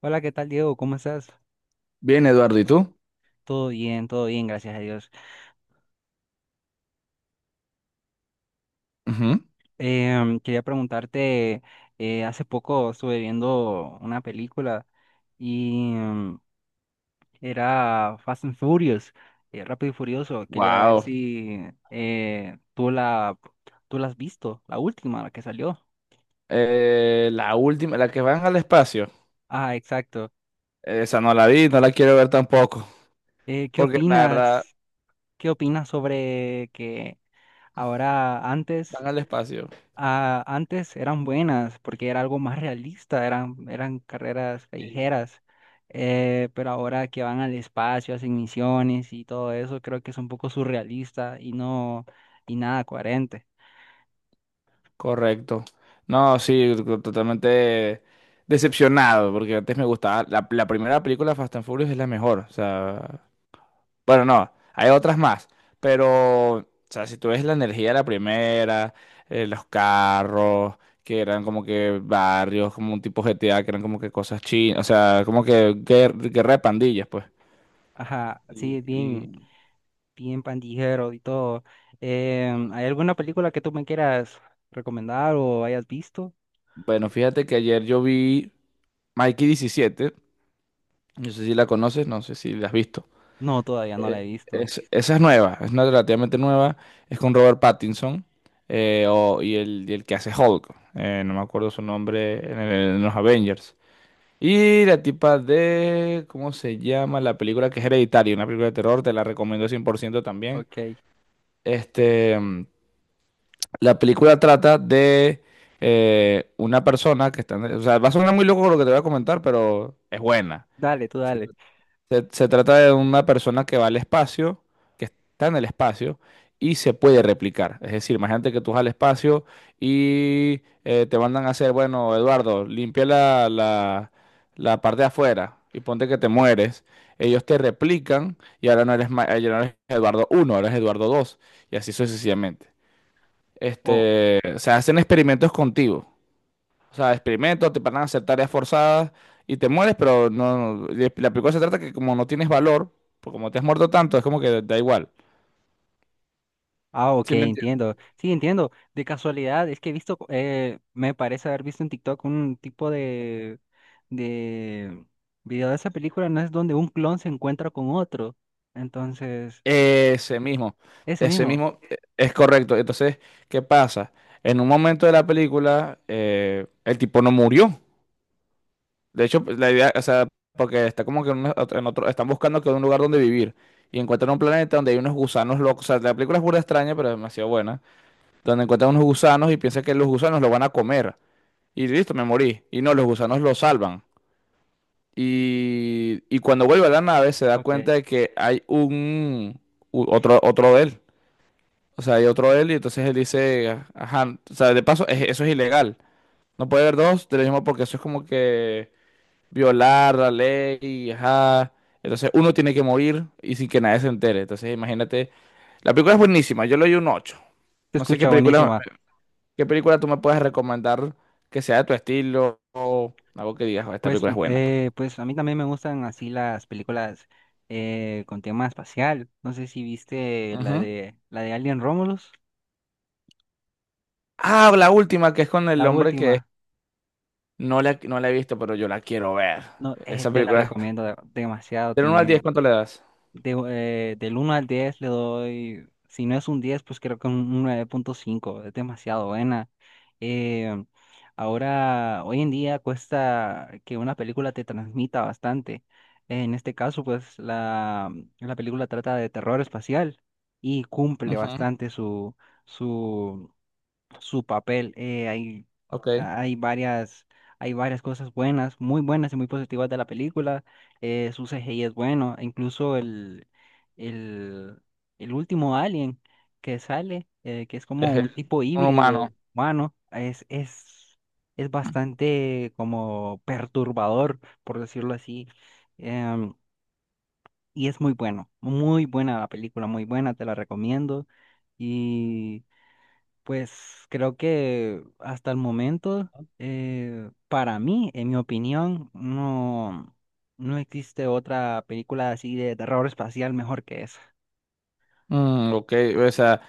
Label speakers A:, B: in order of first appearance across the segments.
A: Hola, ¿qué tal, Diego? ¿Cómo estás?
B: Bien, Eduardo, ¿y tú?
A: Todo bien, gracias a Dios. Quería preguntarte, hace poco estuve viendo una película y era Fast and Furious, Rápido y Furioso. Quería ver
B: Wow.
A: si eh, tú la, tú la has visto, la última, la que salió.
B: La última, la que van al espacio.
A: Ah, exacto.
B: Esa no la vi, no la quiero ver tampoco.
A: ¿Qué
B: Porque la verdad,
A: opinas? ¿Qué opinas sobre que ahora antes
B: van al espacio.
A: Ah, antes eran buenas porque era algo más realista, eran carreras
B: Sí.
A: callejeras, pero ahora que van al espacio, hacen misiones y todo eso, creo que es un poco surrealista y no, y nada coherente.
B: Correcto. No, sí, totalmente decepcionado. Porque antes me gustaba. La primera película Fast and Furious es la mejor. O sea. Bueno, no, hay otras más, pero, o sea, si tú ves la energía de la primera, los carros, que eran como que barrios, como un tipo GTA, que eran como que cosas chinas, o sea, como que guerra de pandillas, pues.
A: Ajá, sí,
B: Y,
A: bien,
B: y,
A: bien pandillero y todo. ¿Hay alguna película que tú me quieras recomendar o hayas visto?
B: bueno, fíjate que ayer yo vi Mikey 17. No sé si la conoces, no sé si la has visto.
A: No, todavía no
B: Eh,
A: la he visto.
B: Esa es nueva, es una relativamente nueva, es con Robert Pattinson y el que hace Hulk, no me acuerdo su nombre en, en los Avengers. Y la tipa de, ¿cómo se llama? La película que es Hereditario, una película de terror, te la recomiendo 100% también.
A: Ok,
B: Este, mm, la película trata de una persona que está, o sea, va a sonar muy loco lo que te voy a comentar, pero es buena.
A: dale, tú dale.
B: Se trata de una persona que va al espacio, que está en el espacio y se puede replicar. Es decir, imagínate que tú vas al espacio y te mandan a hacer, bueno, Eduardo, limpia la parte de afuera y ponte que te mueres. Ellos te replican y ahora no eres, ya no eres Eduardo 1, ahora eres Eduardo 2 y así sucesivamente.
A: O,
B: Este, se hacen experimentos contigo. O sea, experimentos, te van a hacer tareas forzadas y te mueres, pero no, la película se trata que como no tienes valor, pues como te has muerto tanto, es como que da igual.
A: ah, ok,
B: ¿Sí me
A: entiendo.
B: entiendes?
A: Sí, entiendo. De casualidad, es que he visto, me parece haber visto en TikTok un tipo de video de esa película, ¿no es donde un clon se encuentra con otro? Entonces,
B: Ese mismo,
A: ese
B: ese
A: mismo.
B: mismo, es correcto. Entonces, ¿qué pasa? En un momento de la película, el tipo no murió. De hecho, pues, la idea, o sea, porque está como que en en otro, están buscando que un lugar donde vivir y encuentran un planeta donde hay unos gusanos locos. O sea, la película es burda extraña, pero es demasiado buena. Donde encuentran unos gusanos y piensan que los gusanos lo van a comer. Y listo, me morí. Y no, los gusanos lo salvan. Y cuando vuelve a la nave se da
A: Ok, te
B: cuenta de que hay otro él. O sea, hay otro él y entonces él dice, ajá, o sea, de paso, eso es ilegal. No puede haber dos del mismo porque eso es como que violar la ley, ajá. Entonces uno tiene que morir y sin que nadie se entere. Entonces imagínate, la película es buenísima, yo le doy un 8. No sé qué
A: escucha
B: película.
A: buenísima.
B: ¿Qué película tú me puedes recomendar que sea de tu estilo o algo que digas, "Oh, esta película es buena, pues"?
A: Pues a mí también me gustan así las películas con tema espacial. No sé si viste
B: Ujú.
A: la de Alien Romulus,
B: Ah, la última, que es con el
A: la
B: hombre que
A: última.
B: no la, no la he visto, pero yo la quiero ver.
A: No,
B: Esa
A: te la
B: película.
A: recomiendo demasiado.
B: Del 1 al 10,
A: Tiene
B: ¿cuánto le das?
A: de, del uno al 10 le doy, si no es un 10 pues creo que un nueve punto cinco es demasiado buena. Eh, ahora, hoy en día cuesta que una película te transmita bastante. En este caso, pues la película trata de terror espacial y cumple
B: Ujú.
A: bastante su, su papel.
B: Ok.
A: Hay varias, hay varias cosas buenas, muy buenas y muy positivas de la película. Eh, su CGI es bueno, e incluso el, el último alien que sale, que es como
B: Es
A: un tipo
B: un
A: híbrido
B: humano.
A: humano, es bastante como perturbador, por decirlo así. em, y es muy bueno, muy buena la película, muy buena, te la recomiendo. Y pues creo que hasta el momento, para mí, en mi opinión, no, no existe otra película así de terror espacial mejor que esa.
B: Mm, ok, o sea,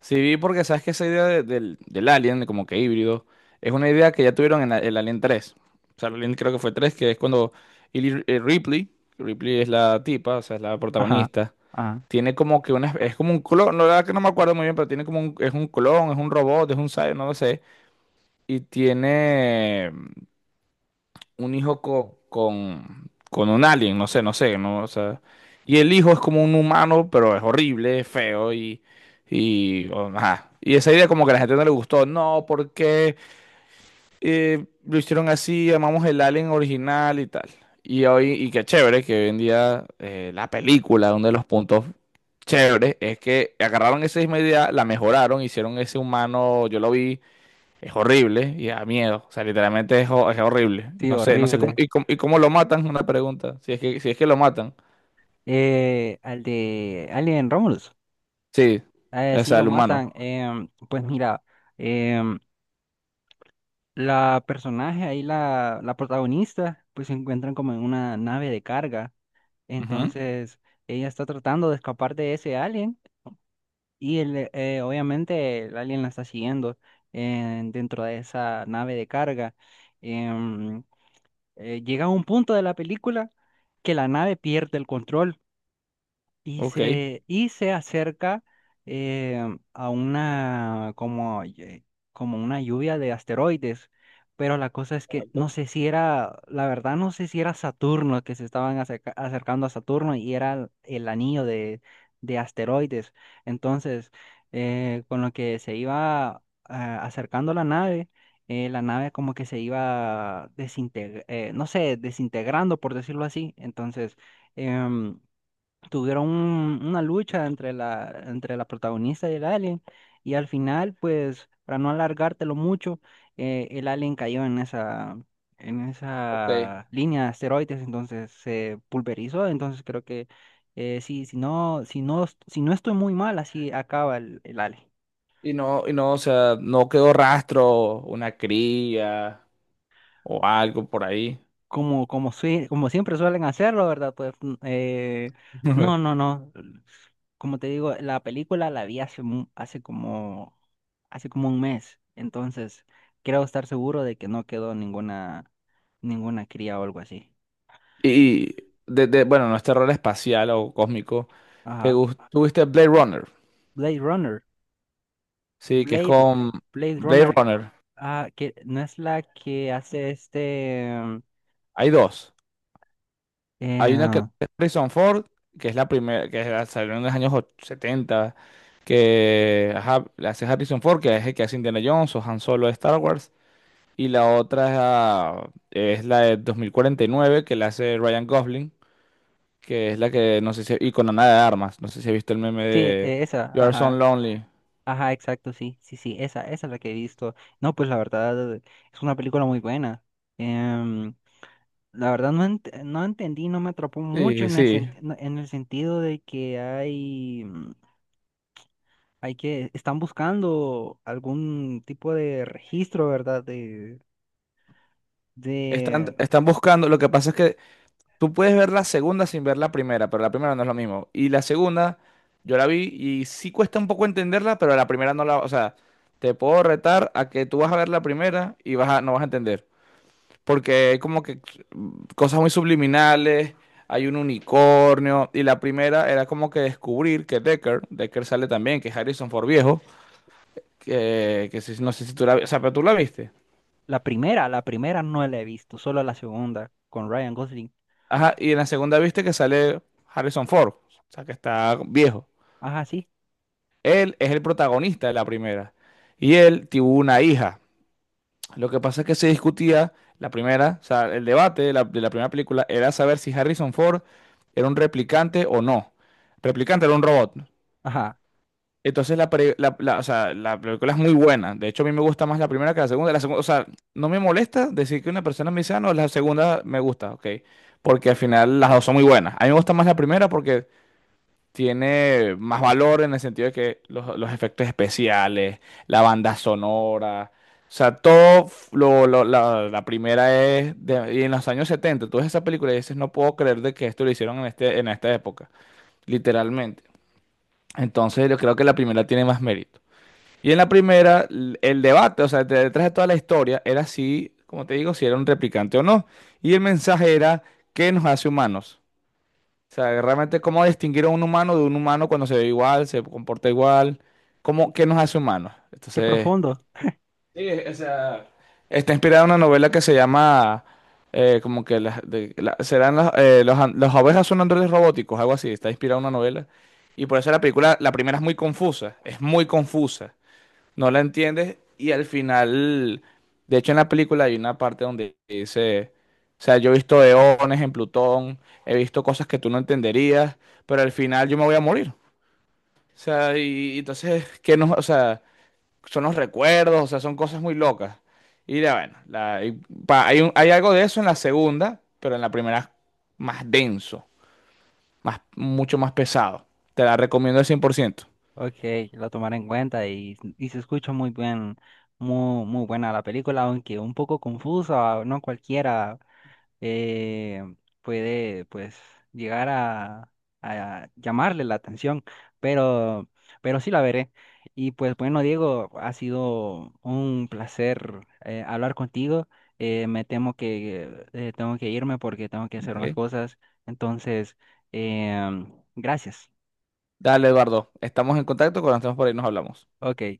B: sí vi porque sabes que esa idea del, del Alien, como que híbrido, es una idea que ya tuvieron en el Alien 3. O sea, el Alien creo que fue 3 que es cuando Ripley, Ripley es la tipa, o sea, es la
A: Ajá,
B: protagonista.
A: ajá,
B: Tiene como que una, es como un clon, no, la verdad que no me acuerdo muy bien, pero tiene como un, es un clon, es un robot, es un cyborg, no lo sé. Y tiene un hijo con un alien, no sé, no sé, no, o sea. Y el hijo es como un humano, pero es horrible, es feo y, ajá. Y esa idea como que a la gente no le gustó, no, ¿por qué? Lo hicieron así, llamamos el Alien original y tal. Y hoy, y qué chévere que hoy en día la película, uno de los puntos chéveres, es que agarraron esa misma idea, la mejoraron, hicieron ese humano, yo lo vi, es horrible y da miedo. O sea, literalmente es, es horrible.
A: sí,
B: No sé, no sé cómo,
A: horrible.
B: y cómo, y cómo lo matan, una pregunta. Si es que, si es que lo matan.
A: Al de Alien Romulus,
B: Sí, o
A: sí
B: sea,
A: lo
B: el
A: matan.
B: humano.
A: Pues mira, em, la personaje ahí, la protagonista, pues se encuentran como en una nave de carga.
B: Ujú.
A: Entonces, ella está tratando de escapar de ese alien. Y obviamente el alien la está siguiendo dentro de esa nave de carga. Em, llega a un punto de la película que la nave pierde el control.
B: Ok.
A: Y se acerca eh, a una como, como una lluvia de asteroides. Pero la cosa es que no
B: Correcto.
A: sé si era, la verdad no sé si era Saturno que se estaban acercando a Saturno y era el anillo de asteroides. Entonces, con lo que se iba acercando la nave como que se iba desintegrando, no sé, desintegrando por decirlo así. Entonces, em, tuvieron una lucha entre la protagonista y el alien y al final, pues, para no alargártelo mucho, el alien cayó en
B: Ok.
A: esa línea de asteroides, entonces se pulverizó, entonces creo que sí, si no, si no, si no estoy muy mal, así acaba el alien.
B: Y no, o sea, no quedó rastro, una cría, o algo por ahí.
A: Como, como siempre suelen hacerlo, ¿verdad? Pues no, no, no. Como te digo, la película la vi hace, hace como un mes. Entonces, creo estar seguro de que no quedó ninguna, ninguna cría o algo así.
B: Y de, bueno, no es terror espacial o cósmico. ¿Te
A: Ajá.
B: gus- ¿Tuviste Blade Runner?
A: Blade Runner.
B: Sí, que es
A: Blade,
B: con
A: Blade
B: Blade
A: Runner.
B: Runner.
A: Ah, que no es la que hace este.
B: Hay dos. Hay una que
A: Eh,
B: es Harrison Ford, que es la primera, que es salió en los 70, que ajá, la hace Harrison Ford, que es el que hace Indiana Jones o Han Solo de Star Wars. Y la otra es, ah, es la de 2049, que la hace Ryan Gosling, que es la que, no sé si, y con Ana de Armas, no sé si has visto el meme
A: sí,
B: de
A: esa,
B: You Are So
A: ajá.
B: Lonely.
A: Ajá, exacto, sí, sí, sí, esa es la que he visto. No, pues la verdad es una película muy buena. Em, la verdad no, no entendí, no me atrapó mucho
B: Sí,
A: en el,
B: sí.
A: sent- no- en el sentido de que hay, hay que, están buscando algún tipo de registro, ¿verdad?
B: Están,
A: De
B: están buscando. Lo que pasa es que tú puedes ver la segunda sin ver la primera, pero la primera no es lo mismo. Y la segunda, yo la vi y sí cuesta un poco entenderla, pero la primera no la. O sea, te puedo retar a que tú vas a ver la primera y vas a, no vas a entender. Porque hay como que cosas muy subliminales, hay un unicornio. Y la primera era como que descubrir que Decker sale también, que es Harrison Ford viejo, que no sé si tú la, o sea, pero tú la viste.
A: la primera no la he visto, solo la segunda con Ryan Gosling.
B: Ajá, y en la segunda viste que sale Harrison Ford, o sea, que está viejo.
A: Ajá, sí,
B: Él es el protagonista de la primera. Y él tuvo una hija. Lo que pasa es que se discutía la primera, o sea, el debate de la primera película era saber si Harrison Ford era un replicante o no. Replicante era un robot.
A: ajá,
B: Entonces la, pre- la- la- o sea, la película es muy buena. De hecho, a mí me gusta más la primera que la segunda. La segunda, o sea, no me molesta decir que una persona me dice, "Ah, no, la segunda me gusta, ok". Porque al final las dos son muy buenas. A mí me gusta más la primera porque tiene más valor en el sentido de que los efectos especiales, la banda sonora, o sea, todo la primera es y en los años 70 tú ves esa película y dices, no puedo creer de que esto lo hicieron en este, en esta época, literalmente. Entonces yo creo que la primera tiene más mérito. Y en la primera, el debate, o sea, detrás de toda la historia, era si, como te digo, si era un replicante o no. Y el mensaje era, ¿qué nos hace humanos? O sea, realmente cómo distinguir a un humano de un humano cuando se ve igual, se comporta igual, cómo, qué nos hace humanos.
A: qué
B: Entonces,
A: profundo.
B: sí, o sea, está inspirada en una novela que se llama, como que las, serán los, las ovejas son androides robóticos, algo así, está inspirada en una novela. Y por eso la película, la primera es muy confusa, es muy confusa, no la entiendes y al final, de hecho en la película hay una parte donde dice, o sea, yo he visto eones en Plutón, he visto cosas que tú no entenderías, pero al final yo me voy a morir. O sea, y entonces, ¿qué nos, o sea, son los recuerdos, o sea, son cosas muy locas. Y ya, bueno, hay, hay algo de eso en la segunda, pero en la primera es más denso, más, mucho más pesado. Te la recomiendo al 100%.
A: Ok, lo tomaré en cuenta y se escucha muy bien, muy, muy buena la película, aunque un poco confusa, no cualquiera eh, puede pues llegar a llamarle la atención, pero, pero sí la veré. Y pues bueno, Diego, ha sido un placer hablar contigo. Me temo que tengo que irme porque tengo que hacer unas
B: Ok.
A: cosas, entonces, gracias.
B: Dale, Eduardo, estamos en contacto, cuando estemos por ahí nos hablamos.
A: Ok.